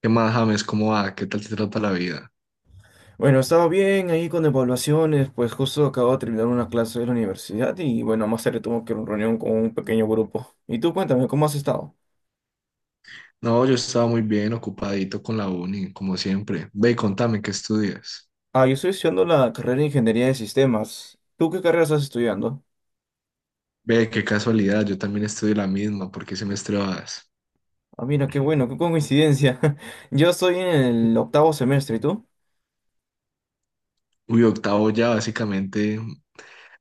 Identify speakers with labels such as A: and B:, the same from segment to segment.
A: ¿Qué más, James? ¿Cómo va? ¿Qué tal te trata la vida?
B: Bueno, estaba bien ahí con evaluaciones, pues justo acabo de terminar una clase de la universidad y bueno, más tarde tuve que una reunión con un pequeño grupo. Y tú cuéntame, ¿cómo has estado?
A: No, yo estaba muy bien, ocupadito con la uni, como siempre. Ve, contame, ¿qué estudias?
B: Ah, yo estoy estudiando la carrera de Ingeniería de Sistemas. ¿Tú qué carrera estás estudiando?
A: Ve, qué casualidad, yo también estudio la misma, ¿por qué semestre vas?
B: Ah, mira, qué bueno, qué coincidencia. Yo estoy en el octavo semestre, ¿y tú?
A: Uy, octavo ya, básicamente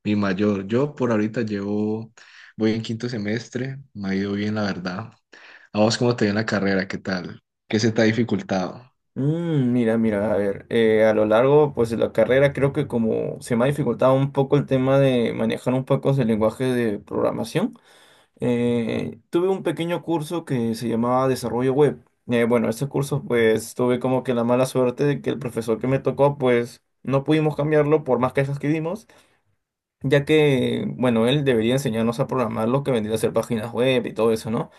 A: mi mayor. Yo por ahorita llevo, voy en quinto semestre, me ha ido bien, la verdad. A vos, ¿cómo te dio en la carrera? ¿Qué tal? ¿Qué se te ha dificultado?
B: Mira, mira, a ver, a lo largo pues de la carrera creo que como se me ha dificultado un poco el tema de manejar un poco el lenguaje de programación. Tuve un pequeño curso que se llamaba Desarrollo Web. Bueno, ese curso pues tuve como que la mala suerte de que el profesor que me tocó pues no pudimos cambiarlo por más quejas que dimos, ya que bueno, él debería enseñarnos a programar lo que vendría a ser páginas web y todo eso, ¿no?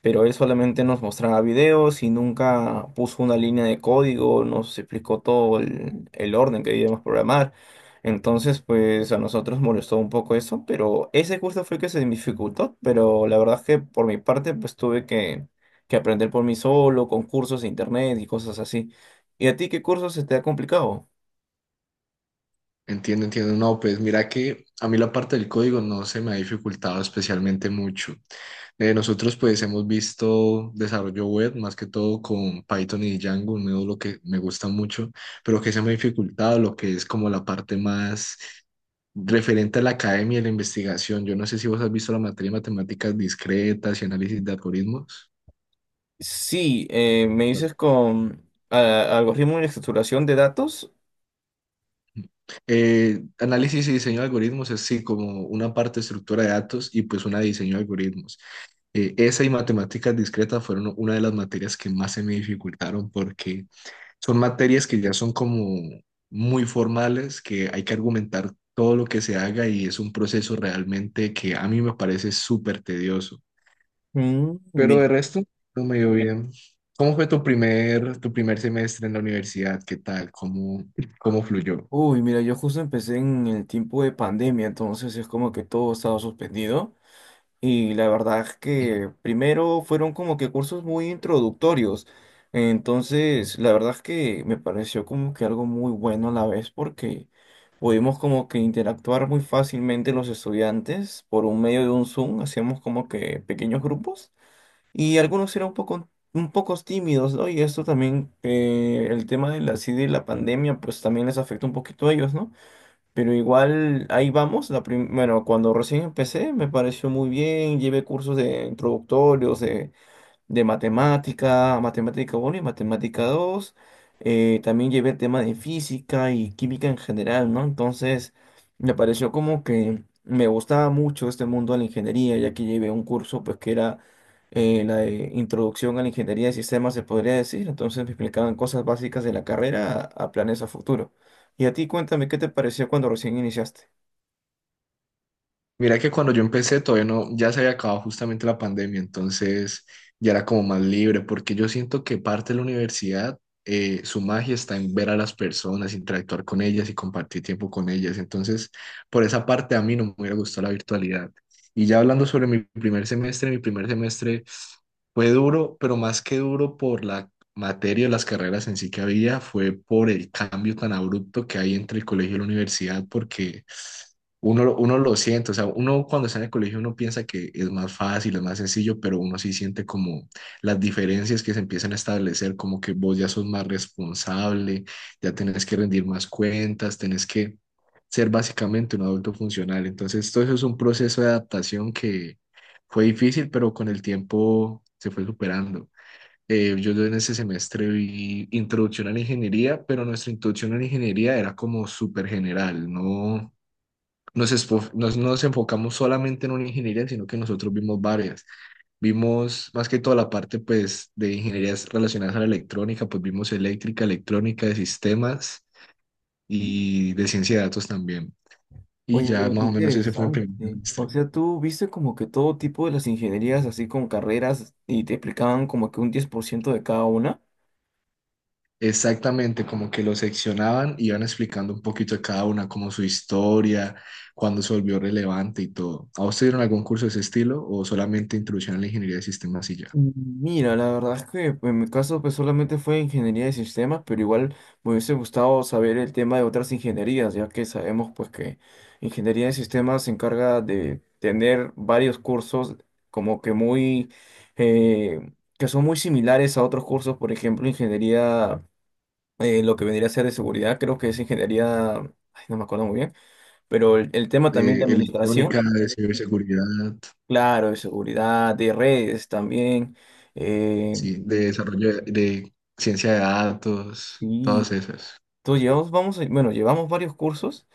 B: Pero él solamente nos mostraba videos y nunca puso una línea de código, nos explicó todo el orden que debíamos programar. Entonces, pues a nosotros molestó un poco eso, pero ese curso fue el que se me dificultó, pero la verdad es que por mi parte, pues tuve que aprender por mí solo, con cursos de internet y cosas así. ¿Y a ti qué curso se te ha complicado?
A: Entiendo, entiendo. No, pues mira que a mí la parte del código no se me ha dificultado especialmente mucho. Nosotros pues hemos visto desarrollo web más que todo con Python y Django, un módulo que me gusta mucho, pero que se me ha dificultado lo que es como la parte más referente a la academia y la investigación. Yo no sé si vos has visto la materia de matemáticas discretas y análisis de algoritmos.
B: Sí, me
A: No.
B: dices con algoritmo de estructuración de datos.
A: Análisis y diseño de algoritmos es sí como una parte de estructura de datos y pues una de diseño de algoritmos. Esa y matemáticas discretas fueron una de las materias que más se me dificultaron porque son materias que ya son como muy formales, que hay que argumentar todo lo que se haga y es un proceso realmente que a mí me parece súper tedioso.
B: Mm.
A: Pero de resto, no me dio bien. ¿Cómo fue tu primer semestre en la universidad? ¿Qué tal? ¿Cómo, cómo fluyó?
B: Uy, mira, yo justo empecé en el tiempo de pandemia, entonces es como que todo estaba suspendido. Y la verdad es que primero fueron como que cursos muy introductorios. Entonces, la verdad es que me pareció como que algo muy bueno a la vez porque pudimos como que interactuar muy fácilmente los estudiantes por un medio de un Zoom, hacíamos como que pequeños grupos y algunos eran un poco tímidos, ¿no? Y esto también, el tema de la, así de la pandemia, pues también les afectó un poquito a ellos, ¿no? Pero igual ahí vamos. Bueno, cuando recién empecé me pareció muy bien. Llevé cursos de introductorios, de matemática, matemática uno y matemática dos. También llevé el tema de física y química en general, ¿no? Entonces, me pareció como que me gustaba mucho este mundo de la ingeniería, ya que llevé un curso, pues, que era, la de introducción a la ingeniería de sistemas, se podría decir. Entonces, me explicaban cosas básicas de la carrera a planes a futuro. Y a ti, cuéntame, ¿qué te pareció cuando recién iniciaste?
A: Mira que cuando yo empecé todavía no, ya se había acabado justamente la pandemia, entonces ya era como más libre, porque yo siento que parte de la universidad, su magia está en ver a las personas, interactuar con ellas y compartir tiempo con ellas, entonces por esa parte a mí no me hubiera gustado la virtualidad. Y ya hablando sobre mi primer semestre fue duro, pero más que duro por la materia, las carreras en sí que había, fue por el cambio tan abrupto que hay entre el colegio y la universidad, porque... Uno, uno lo siente, o sea, uno cuando está en el colegio uno piensa que es más fácil, es más sencillo, pero uno sí siente como las diferencias que se empiezan a establecer, como que vos ya sos más responsable, ya tenés que rendir más cuentas, tenés que ser básicamente un adulto funcional. Entonces, todo eso es un proceso de adaptación que fue difícil, pero con el tiempo se fue superando. Yo en ese semestre vi introducción a la ingeniería, pero nuestra introducción a la ingeniería era como súper general, ¿no? Nos enfocamos solamente en una ingeniería, sino que nosotros vimos varias. Vimos más que toda la parte pues, de ingenierías relacionadas a la electrónica, pues vimos eléctrica, electrónica, de sistemas y de ciencia de datos también. Y
B: Oye,
A: ya
B: mira, qué
A: más o menos ese fue el primer
B: interesante. O
A: semestre.
B: sea, tú viste como que todo tipo de las ingenierías, así con carreras, y te explicaban como que un 10% de cada una.
A: Exactamente, como que lo seccionaban y iban explicando un poquito a cada una, como su historia, cuándo se volvió relevante y todo. ¿A usted dieron algún curso de ese estilo o solamente introducción a la ingeniería de sistemas y ya?
B: Mira, la verdad es que pues, en mi caso pues solamente fue ingeniería de sistemas, pero igual me hubiese gustado saber el tema de otras ingenierías, ya que sabemos pues que ingeniería de sistemas se encarga de tener varios cursos como que muy, eh, que son muy similares a otros cursos, por ejemplo, ingeniería, lo que vendría a ser de seguridad, creo que es ingeniería, ay, no me acuerdo muy bien, pero el tema también de
A: Electrónica,
B: administración,
A: de ciberseguridad.
B: claro, de seguridad, de redes también, eh,
A: Sí, de de ciencia de datos, todas
B: y
A: esas.
B: tú llevamos, vamos, bueno, llevamos varios cursos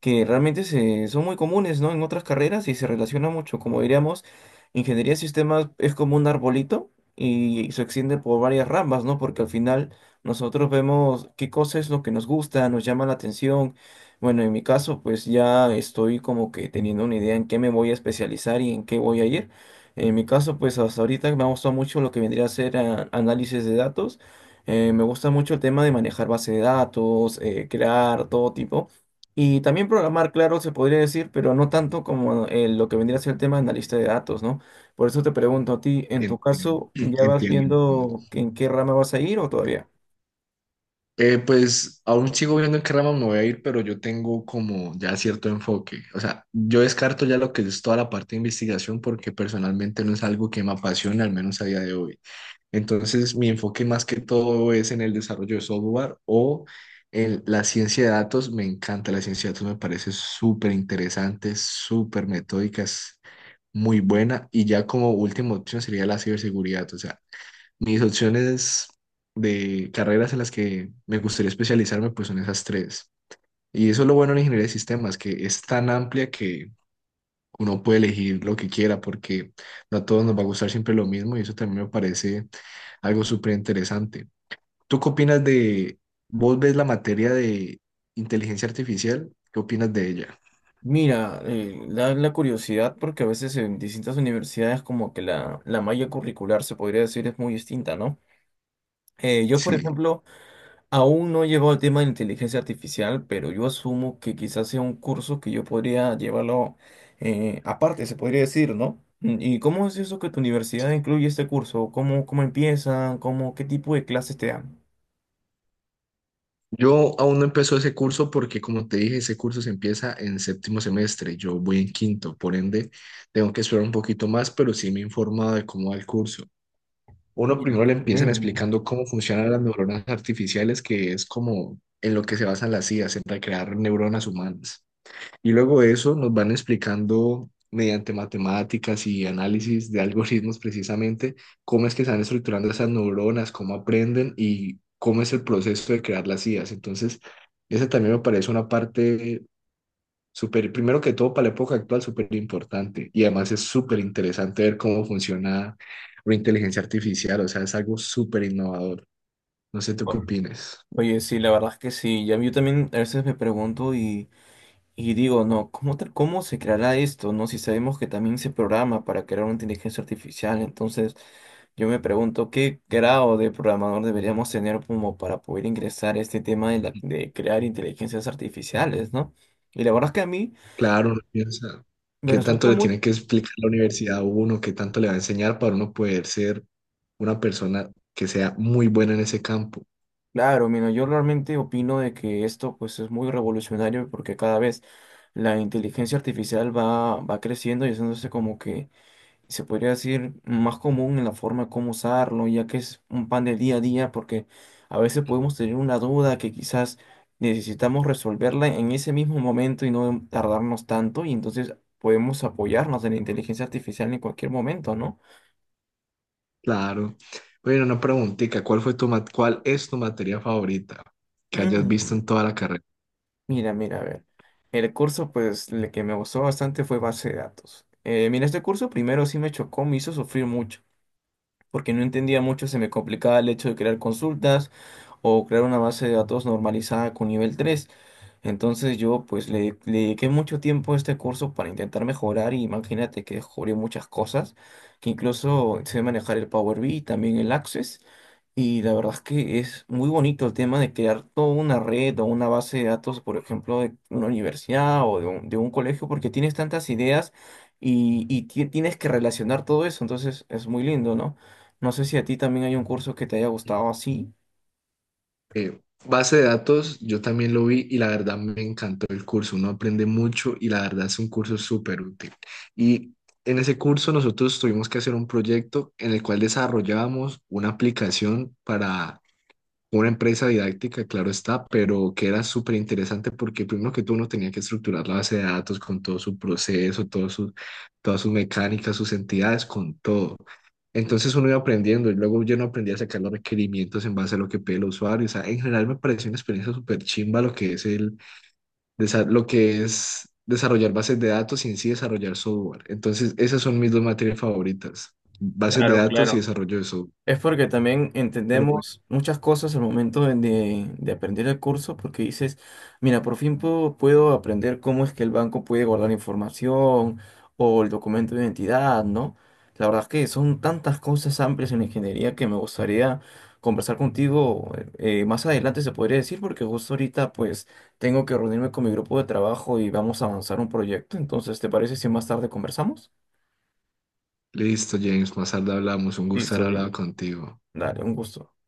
B: que realmente son muy comunes, ¿no? En otras carreras y se relaciona mucho. Como diríamos, ingeniería de sistemas es como un arbolito y se extiende por varias ramas, ¿no? Porque al final nosotros vemos qué cosa es lo que nos gusta, nos llama la atención. Bueno, en mi caso, pues ya estoy como que teniendo una idea en qué me voy a especializar y en qué voy a ir. En mi caso, pues hasta ahorita me ha gustado mucho lo que vendría a ser, análisis de datos. Me gusta mucho el tema de manejar base de datos, crear todo tipo. Y también programar, claro, se podría decir, pero no tanto como, lo que vendría a ser el tema de analista de datos, ¿no? Por eso te pregunto a ti, en tu
A: Entiendo,
B: caso, ¿ya vas
A: entiendo. Entiendo.
B: viendo en qué rama vas a ir o todavía?
A: Pues aún sigo viendo en qué rama me voy a ir, pero yo tengo como ya cierto enfoque. O sea, yo descarto ya lo que es toda la parte de investigación porque personalmente no es algo que me apasione, al menos a día de hoy. Entonces, mi enfoque más que todo es en el desarrollo de software o en la ciencia de datos. Me encanta la ciencia de datos, me parece súper interesante, súper metódicas, muy buena. Y ya como última opción sería la ciberseguridad. O sea, mis opciones de carreras en las que me gustaría especializarme, pues son esas tres. Y eso es lo bueno en ingeniería de sistemas, que es tan amplia que uno puede elegir lo que quiera, porque no a todos nos va a gustar siempre lo mismo y eso también me parece algo súper interesante. ¿Tú qué opinas de, vos ves la materia de inteligencia artificial? ¿Qué opinas de ella?
B: Mira, da la curiosidad porque a veces en distintas universidades como que la malla curricular se podría decir es muy distinta, ¿no? Yo, por
A: Sí.
B: ejemplo, aún no he llevado el tema de inteligencia artificial, pero yo asumo que quizás sea un curso que yo podría llevarlo, aparte, se podría decir, ¿no? ¿Y cómo es eso que tu universidad incluye este curso? ¿Cómo empiezan? ¿Qué tipo de clases te dan?
A: Yo aún no empezó ese curso porque, como te dije, ese curso se empieza en séptimo semestre. Yo voy en quinto, por ende, tengo que esperar un poquito más, pero sí me he informado de cómo va el curso. Uno
B: Mira,
A: primero
B: qué
A: le empiezan
B: bueno.
A: explicando cómo funcionan las neuronas artificiales, que es como en lo que se basan las IAs, en recrear neuronas humanas. Y luego de eso nos van explicando mediante matemáticas y análisis de algoritmos precisamente cómo es que se van estructurando esas neuronas, cómo aprenden y cómo es el proceso de crear las IAs. Entonces, esa también me parece una parte súper, primero que todo para la época actual, súper importante. Y además es súper interesante ver cómo funciona la inteligencia artificial, o sea, es algo súper innovador. No sé tú qué opines.
B: Oye, sí, la verdad es que sí. Ya yo también a veces me pregunto. Y digo, no, ¿cómo, cómo se creará esto, no? Si sabemos que también se programa para crear una inteligencia artificial, entonces yo me pregunto qué grado de programador deberíamos tener como para poder ingresar a este tema de crear inteligencias artificiales, ¿no? Y la verdad es que a mí
A: Claro, uno piensa,
B: me
A: ¿qué tanto
B: resulta
A: le
B: muy
A: tiene que explicar la universidad a uno? ¿Qué tanto le va a enseñar para uno poder ser una persona que sea muy buena en ese campo?
B: claro, mira, yo realmente opino de que esto pues es muy revolucionario porque cada vez la inteligencia artificial va creciendo y haciéndose como que se podría decir, más común en la forma como usarlo, ya que es un pan del día a día, porque a veces podemos tener una duda que quizás necesitamos resolverla en ese mismo momento y no tardarnos tanto, y entonces podemos apoyarnos en la inteligencia artificial en cualquier momento, ¿no?
A: Claro. Bueno, una preguntita, ¿cuál fue tu cuál es tu materia favorita que hayas visto
B: Mm,
A: en toda la carrera?
B: mira, mira, a ver. El curso, pues, el que me gustó bastante fue base de datos. Mira, este curso primero sí me chocó, me hizo sufrir mucho, porque no entendía mucho, se me complicaba el hecho de crear consultas. O crear una base de datos normalizada con nivel tres. Entonces yo pues le dediqué mucho tiempo a este curso para intentar mejorar y imagínate que descubrí muchas cosas, que incluso sé manejar el Power BI, también el Access. Y la verdad es que es muy bonito el tema de crear toda una red o una base de datos, por ejemplo, de una universidad o de un colegio, porque tienes tantas ideas y tienes que relacionar todo eso. Entonces es muy lindo, ¿no? No sé si a ti también hay un curso que te haya gustado así.
A: Base de datos, yo también lo vi y la verdad me encantó el curso. Uno aprende mucho y la verdad es un curso súper útil. Y en ese curso nosotros tuvimos que hacer un proyecto en el cual desarrollábamos una aplicación para una empresa didáctica, claro está, pero que era súper interesante porque primero que todo uno tenía que estructurar la base de datos con todo su proceso, todas sus mecánicas, sus entidades, con todo. Entonces uno iba aprendiendo y luego yo no aprendí a sacar los requerimientos en base a lo que pide el usuario. O sea, en general me pareció una experiencia súper chimba lo que es lo que es desarrollar bases de datos y en sí desarrollar software. Entonces esas son mis dos materias favoritas, bases de
B: Claro,
A: datos y
B: claro.
A: desarrollo de software.
B: Es porque también
A: Pero bueno,
B: entendemos muchas cosas al momento de aprender el curso, porque dices, mira, por fin puedo aprender cómo es que el banco puede guardar información o el documento de identidad, ¿no? La verdad es que son tantas cosas amplias en la ingeniería que me gustaría conversar contigo más adelante, se podría decir, porque justo ahorita pues tengo que reunirme con mi grupo de trabajo y vamos a avanzar un proyecto, entonces, ¿te parece si más tarde conversamos?
A: listo, James, más tarde hablamos. Un gusto
B: Listo,
A: haber
B: dile.
A: hablado contigo.
B: Dale, un gusto.